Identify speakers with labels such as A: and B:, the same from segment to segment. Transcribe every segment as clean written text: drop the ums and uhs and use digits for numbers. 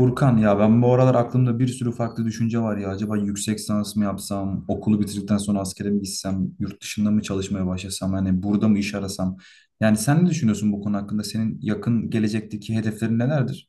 A: Furkan ya ben bu aralar aklımda bir sürü farklı düşünce var ya. Acaba yüksek lisans mı yapsam, okulu bitirdikten sonra askere mi gitsem, yurt dışında mı çalışmaya başlasam, hani burada mı iş arasam? Yani sen ne düşünüyorsun bu konu hakkında? Senin yakın gelecekteki hedeflerin nelerdir?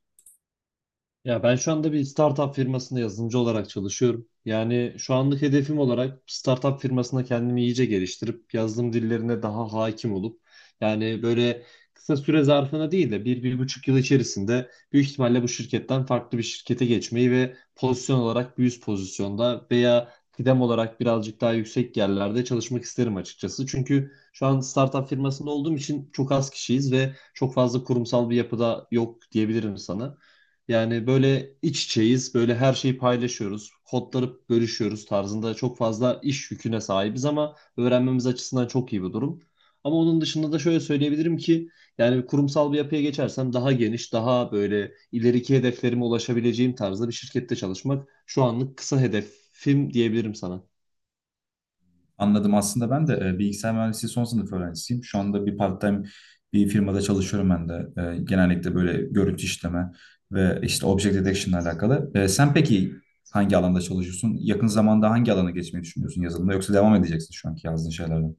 B: Ya ben şu anda bir startup firmasında yazılımcı olarak çalışıyorum. Yani şu anlık hedefim olarak startup firmasında kendimi iyice geliştirip yazılım dillerine daha hakim olup yani böyle kısa süre zarfına değil de bir, bir buçuk yıl içerisinde büyük ihtimalle bu şirketten farklı bir şirkete geçmeyi ve pozisyon olarak bir üst pozisyonda veya kıdem olarak birazcık daha yüksek yerlerde çalışmak isterim açıkçası. Çünkü şu an startup firmasında olduğum için çok az kişiyiz ve çok fazla kurumsal bir yapıda yok diyebilirim sana. Yani böyle iç içeyiz, böyle her şeyi paylaşıyoruz, kodları bölüşüyoruz tarzında çok fazla iş yüküne sahibiz ama öğrenmemiz açısından çok iyi bir durum. Ama onun dışında da şöyle söyleyebilirim ki yani kurumsal bir yapıya geçersem daha geniş, daha böyle ileriki hedeflerime ulaşabileceğim tarzda bir şirkette çalışmak şu anlık kısa hedefim diyebilirim sana.
A: Anladım. Aslında ben de bilgisayar mühendisliği son sınıf öğrencisiyim. Şu anda bir part-time bir firmada çalışıyorum ben de. Genellikle böyle görüntü işleme ve işte object detection ile alakalı. Sen peki hangi alanda çalışıyorsun? Yakın zamanda hangi alana geçmeyi düşünüyorsun yazılımda? Yoksa devam edeceksin şu anki yazdığın şeylerden?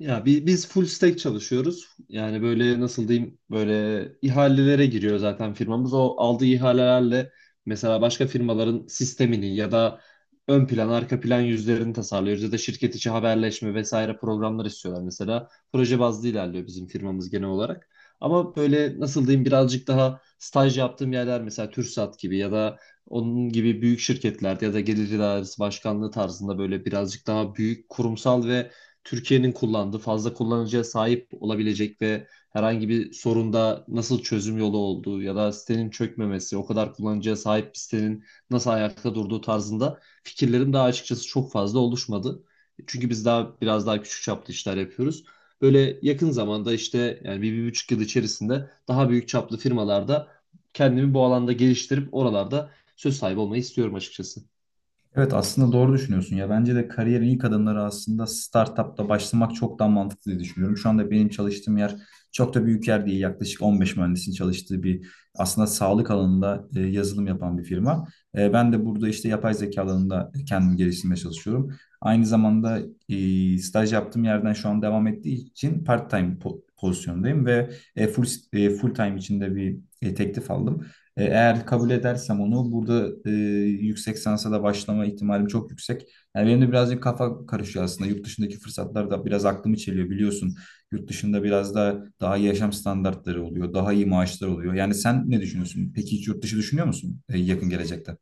B: Ya biz full stack çalışıyoruz. Yani böyle nasıl diyeyim, böyle ihalelere giriyor zaten firmamız. O aldığı ihalelerle mesela başka firmaların sistemini ya da ön plan arka plan yüzlerini tasarlıyoruz ya da şirket içi haberleşme vesaire programlar istiyorlar mesela. Proje bazlı ilerliyor bizim firmamız genel olarak. Ama böyle nasıl diyeyim, birazcık daha staj yaptığım yerler mesela TürkSat gibi ya da onun gibi büyük şirketlerde ya da gelir idaresi başkanlığı tarzında böyle birazcık daha büyük kurumsal ve Türkiye'nin kullandığı, fazla kullanıcıya sahip olabilecek ve herhangi bir sorunda nasıl çözüm yolu olduğu ya da sitenin çökmemesi, o kadar kullanıcıya sahip bir sitenin nasıl ayakta durduğu tarzında fikirlerim daha açıkçası çok fazla oluşmadı. Çünkü biz daha biraz daha küçük çaplı işler yapıyoruz. Böyle yakın zamanda işte yani bir, bir buçuk yıl içerisinde daha büyük çaplı firmalarda kendimi bu alanda geliştirip oralarda söz sahibi olmayı istiyorum açıkçası.
A: Evet, aslında doğru düşünüyorsun ya. Bence de kariyerin ilk adımları aslında startupta başlamak çok daha mantıklı diye düşünüyorum. Şu anda benim çalıştığım yer çok da büyük yer değil. Yaklaşık 15 mühendisin çalıştığı bir, aslında sağlık alanında yazılım yapan bir firma. Ben de burada işte yapay zeka alanında kendimi geliştirmeye çalışıyorum. Aynı zamanda staj yaptığım yerden şu an devam ettiği için part-time pozisyondayım ve e, full full time içinde bir teklif aldım. Eğer kabul edersem onu burada yüksek sansa da başlama ihtimalim çok yüksek. Yani benim de birazcık kafa karışıyor aslında. Yurt dışındaki fırsatlar da biraz aklımı çeliyor biliyorsun. Yurt dışında biraz da daha iyi yaşam standartları oluyor, daha iyi maaşlar oluyor. Yani sen ne düşünüyorsun? Peki hiç yurt dışı düşünüyor musun yakın gelecekte?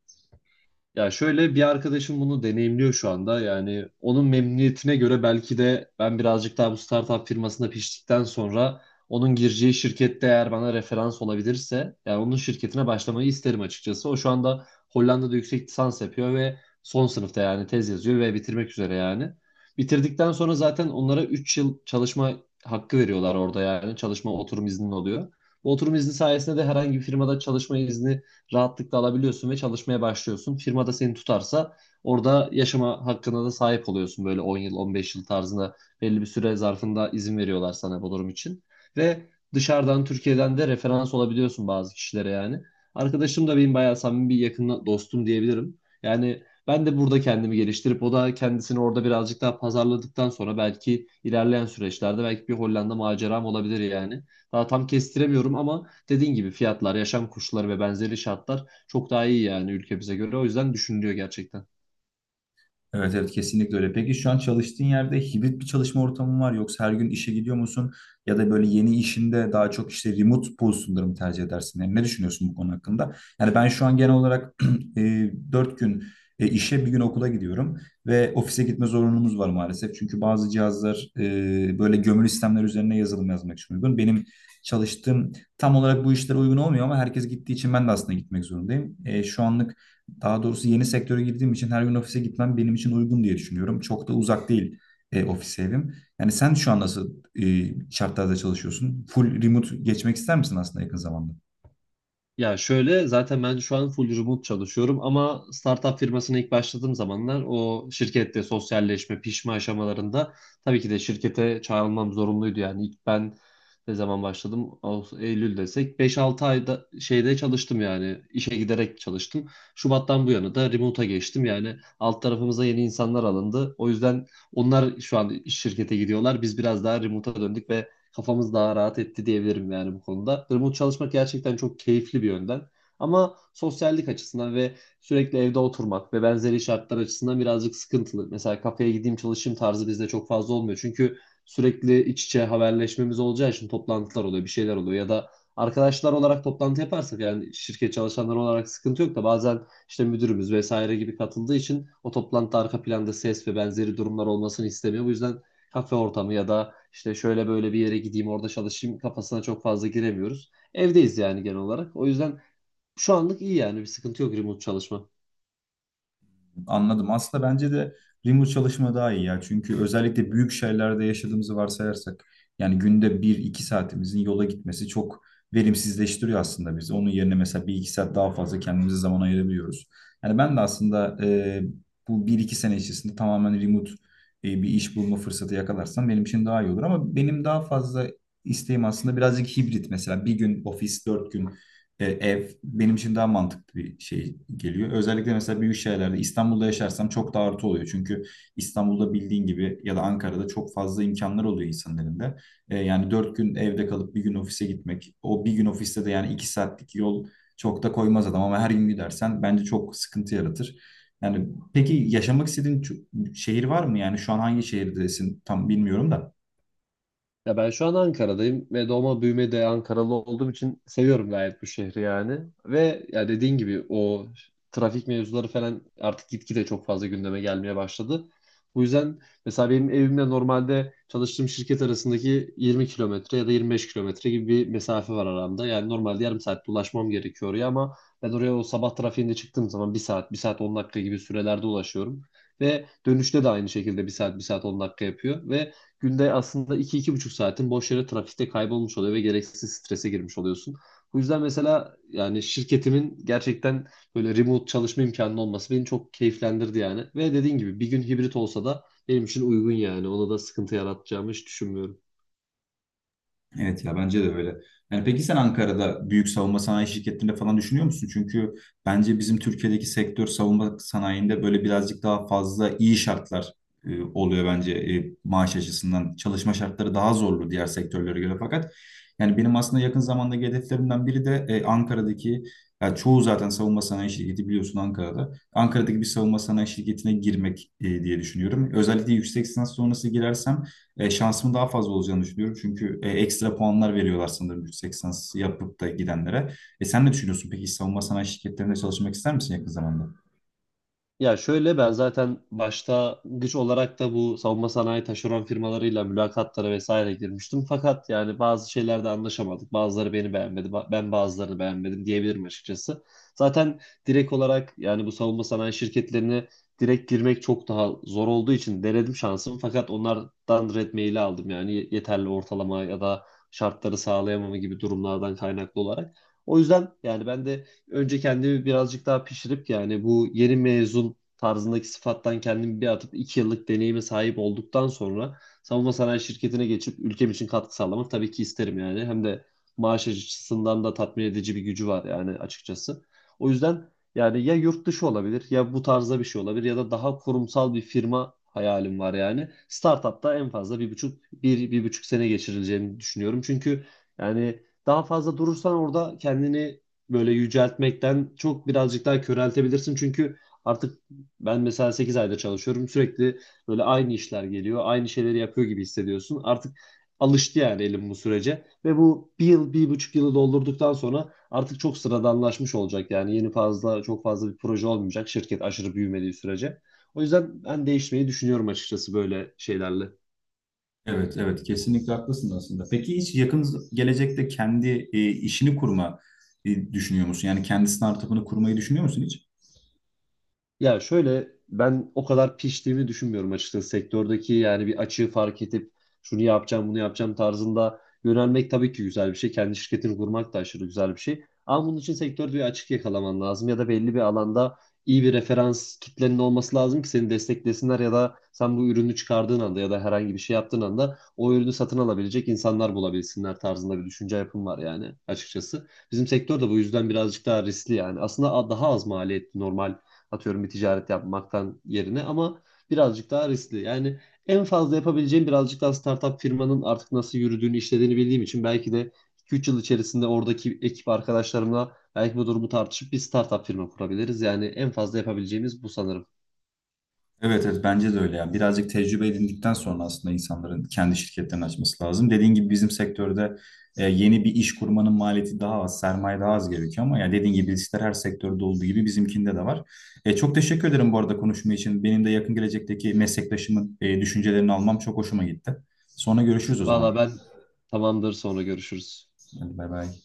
B: Ya şöyle, bir arkadaşım bunu deneyimliyor şu anda. Yani onun memnuniyetine göre belki de ben birazcık daha bu startup firmasında piştikten sonra onun gireceği şirkette eğer bana referans olabilirse yani onun şirketine başlamayı isterim açıkçası. O şu anda Hollanda'da yüksek lisans yapıyor ve son sınıfta, yani tez yazıyor ve bitirmek üzere yani. Bitirdikten sonra zaten onlara 3 yıl çalışma hakkı veriyorlar orada yani. Çalışma oturum izni oluyor. Bu oturum izni sayesinde de herhangi bir firmada çalışma izni rahatlıkla alabiliyorsun ve çalışmaya başlıyorsun. Firma da seni tutarsa orada yaşama hakkına da sahip oluyorsun, böyle 10 yıl, 15 yıl tarzında belli bir süre zarfında izin veriyorlar sana bu durum için. Ve dışarıdan Türkiye'den de referans olabiliyorsun bazı kişilere yani. Arkadaşım da benim bayağı samimi bir yakın dostum diyebilirim. Yani ben de burada kendimi geliştirip o da kendisini orada birazcık daha pazarladıktan sonra belki ilerleyen süreçlerde belki bir Hollanda maceram olabilir yani. Daha tam kestiremiyorum ama dediğin gibi fiyatlar, yaşam koşulları ve benzeri şartlar çok daha iyi yani ülkemize göre. O yüzden düşünülüyor gerçekten.
A: Evet, evet, kesinlikle öyle. Peki şu an çalıştığın yerde hibrit bir çalışma ortamı var yoksa her gün işe gidiyor musun? Ya da böyle yeni işinde daha çok işte remote pozisyonları mı tercih edersin? Yani ne düşünüyorsun bu konu hakkında? Yani ben şu an genel olarak 4 gün işe, bir gün okula gidiyorum ve ofise gitme zorunluluğumuz var maalesef. Çünkü bazı cihazlar böyle gömülü sistemler üzerine yazılım yazmak için uygun. Benim çalıştığım tam olarak bu işlere uygun olmuyor ama herkes gittiği için ben de aslında gitmek zorundayım. Şu anlık, daha doğrusu yeni sektöre girdiğim için, her gün ofise gitmem benim için uygun diye düşünüyorum. Çok da uzak değil ofis evim. Yani sen şu an nasıl şartlarda çalışıyorsun? Full remote geçmek ister misin aslında yakın zamanda?
B: Ya şöyle, zaten ben şu an full remote çalışıyorum ama startup firmasına ilk başladığım zamanlar o şirkette sosyalleşme, pişme aşamalarında tabii ki de şirkete çağrılmam zorunluydu. Yani ilk ben ne zaman başladım? Ağustos, Eylül desek beş altı ayda şeyde çalıştım, yani işe giderek çalıştım. Şubat'tan bu yana da remote'a geçtim. Yani alt tarafımıza yeni insanlar alındı. O yüzden onlar şu an iş şirkete gidiyorlar. Biz biraz daha remote'a döndük ve kafamız daha rahat etti diyebilirim yani bu konuda. Remote çalışmak gerçekten çok keyifli bir yönden. Ama sosyallik açısından ve sürekli evde oturmak ve benzeri şartlar açısından birazcık sıkıntılı. Mesela kafeye gideyim çalışayım tarzı bizde çok fazla olmuyor. Çünkü sürekli iç içe haberleşmemiz olacağı için toplantılar oluyor, bir şeyler oluyor ya da arkadaşlar olarak toplantı yaparsak yani şirket çalışanları olarak sıkıntı yok da bazen işte müdürümüz vesaire gibi katıldığı için o toplantıda arka planda ses ve benzeri durumlar olmasını istemiyor. Bu yüzden kafe ortamı ya da işte şöyle böyle bir yere gideyim orada çalışayım kafasına çok fazla giremiyoruz. Evdeyiz yani genel olarak. O yüzden şu anlık iyi yani, bir sıkıntı yok remote çalışma.
A: Anladım. Aslında bence de remote çalışma daha iyi ya. Çünkü özellikle büyük şehirlerde yaşadığımızı varsayarsak yani günde bir iki saatimizin yola gitmesi çok verimsizleştiriyor aslında bizi. Onun yerine mesela bir iki saat daha fazla kendimize zaman ayırabiliyoruz. Yani ben de aslında bu bir iki sene içerisinde tamamen remote bir iş bulma fırsatı yakalarsam benim için daha iyi olur. Ama benim daha fazla isteğim aslında birazcık hibrit mesela. Bir gün ofis, dört gün ev benim için daha mantıklı bir şey geliyor. Özellikle mesela büyük şehirlerde, İstanbul'da yaşarsam, çok da artı oluyor. Çünkü İstanbul'da bildiğin gibi ya da Ankara'da çok fazla imkanlar oluyor insanların elinde. Yani dört gün evde kalıp bir gün ofise gitmek. O bir gün ofiste de yani iki saatlik yol çok da koymaz adam ama her gün gidersen bence çok sıkıntı yaratır. Yani peki yaşamak istediğin şehir var mı? Yani şu an hangi şehirdesin tam bilmiyorum da.
B: Ya ben şu an Ankara'dayım ve doğma büyüme de Ankaralı olduğum için seviyorum gayet bu şehri yani. Ve ya dediğin gibi o trafik mevzuları falan artık gitgide çok fazla gündeme gelmeye başladı. Bu yüzden mesela benim evimle normalde çalıştığım şirket arasındaki 20 kilometre ya da 25 kilometre gibi bir mesafe var aramda. Yani normalde yarım saat ulaşmam gerekiyor oraya ama ben oraya o sabah trafiğinde çıktığım zaman bir saat, 1 saat 10 dakika gibi sürelerde ulaşıyorum. Ve dönüşte de aynı şekilde bir saat, 1 saat 10 dakika yapıyor. Ve günde aslında iki, iki buçuk saatin boş yere trafikte kaybolmuş oluyor ve gereksiz strese girmiş oluyorsun. Bu yüzden mesela yani şirketimin gerçekten böyle remote çalışma imkanı olması beni çok keyiflendirdi yani. Ve dediğin gibi bir gün hibrit olsa da benim için uygun yani. Ona da sıkıntı yaratacağımı hiç düşünmüyorum.
A: Evet ya, bence de öyle. Yani peki sen Ankara'da büyük savunma sanayi şirketlerinde falan düşünüyor musun? Çünkü bence bizim Türkiye'deki sektör, savunma sanayinde böyle birazcık daha fazla iyi şartlar oluyor bence, maaş açısından. Çalışma şartları daha zorlu diğer sektörlere göre fakat yani benim aslında yakın zamandaki hedeflerimden biri de Ankara'daki, yani çoğu zaten savunma sanayi şirketi biliyorsun Ankara'da. Ankara'daki bir savunma sanayi şirketine girmek diye düşünüyorum. Özellikle yüksek lisans sonrası girersem şansımın daha fazla olacağını düşünüyorum. Çünkü ekstra puanlar veriyorlar sanırım yüksek lisans yapıp da gidenlere. Sen ne düşünüyorsun? Peki savunma sanayi şirketlerinde çalışmak ister misin yakın zamanda?
B: Ya şöyle, ben zaten başta güç olarak da bu savunma sanayi taşeron firmalarıyla mülakatlara vesaire girmiştim. Fakat yani bazı şeylerde anlaşamadık. Bazıları beni beğenmedi, ben bazılarını beğenmedim diyebilirim açıkçası. Zaten direkt olarak yani bu savunma sanayi şirketlerine direkt girmek çok daha zor olduğu için denedim şansımı. Fakat onlardan red maili aldım, yani yeterli ortalama ya da şartları sağlayamama gibi durumlardan kaynaklı olarak. O yüzden yani ben de önce kendimi birazcık daha pişirip yani bu yeni mezun tarzındaki sıfattan kendimi bir atıp 2 yıllık deneyime sahip olduktan sonra savunma sanayi şirketine geçip ülkem için katkı sağlamak tabii ki isterim yani. Hem de maaş açısından da tatmin edici bir gücü var yani açıkçası. O yüzden yani ya yurt dışı olabilir, ya bu tarzda bir şey olabilir ya da daha kurumsal bir firma hayalim var yani. Startup'ta en fazla bir buçuk, bir, bir buçuk sene geçirileceğini düşünüyorum. Çünkü yani daha fazla durursan orada kendini böyle yüceltmekten çok birazcık daha köreltebilirsin. Çünkü artık ben mesela 8 ayda çalışıyorum. Sürekli böyle aynı işler geliyor. Aynı şeyleri yapıyor gibi hissediyorsun. Artık alıştı yani elim bu sürece. Ve bu bir yıl, bir buçuk yılı doldurduktan sonra artık çok sıradanlaşmış olacak. Yani yeni fazla, çok fazla bir proje olmayacak. Şirket aşırı büyümediği sürece. O yüzden ben değişmeyi düşünüyorum açıkçası böyle şeylerle.
A: Evet, evet, kesinlikle haklısın aslında. Peki hiç yakın gelecekte kendi işini kurma düşünüyor musun? Yani kendi startup'ını kurmayı düşünüyor musun hiç?
B: Ya şöyle, ben o kadar piştiğimi düşünmüyorum açıkçası sektördeki yani, bir açığı fark edip şunu yapacağım bunu yapacağım tarzında yönelmek tabii ki güzel bir şey. Kendi şirketini kurmak da aşırı güzel bir şey. Ama bunun için sektörde bir açık yakalaman lazım ya da belli bir alanda iyi bir referans kitlenin olması lazım ki seni desteklesinler ya da sen bu ürünü çıkardığın anda ya da herhangi bir şey yaptığın anda o ürünü satın alabilecek insanlar bulabilsinler tarzında bir düşünce yapım var yani açıkçası. Bizim sektör de bu yüzden birazcık daha riskli yani. Aslında daha az maliyetli normal, atıyorum, bir ticaret yapmaktan yerine, ama birazcık daha riskli. Yani en fazla yapabileceğim, birazcık daha startup firmanın artık nasıl yürüdüğünü, işlediğini bildiğim için belki de 2-3 yıl içerisinde oradaki ekip arkadaşlarımla belki bu durumu tartışıp bir startup firma kurabiliriz. Yani en fazla yapabileceğimiz bu sanırım.
A: Evet, evet, bence de öyle ya. Birazcık tecrübe edindikten sonra aslında insanların kendi şirketlerini açması lazım. Dediğin gibi bizim sektörde yeni bir iş kurmanın maliyeti daha az, sermaye daha az gerekiyor ama ya dediğin gibi riskler her sektörde olduğu gibi bizimkinde de var. Çok teşekkür ederim bu arada konuşma için. Benim de yakın gelecekteki meslektaşımın düşüncelerini almam çok hoşuma gitti. Sonra görüşürüz o zaman.
B: Valla ben, tamamdır, sonra görüşürüz.
A: Hadi bay bay.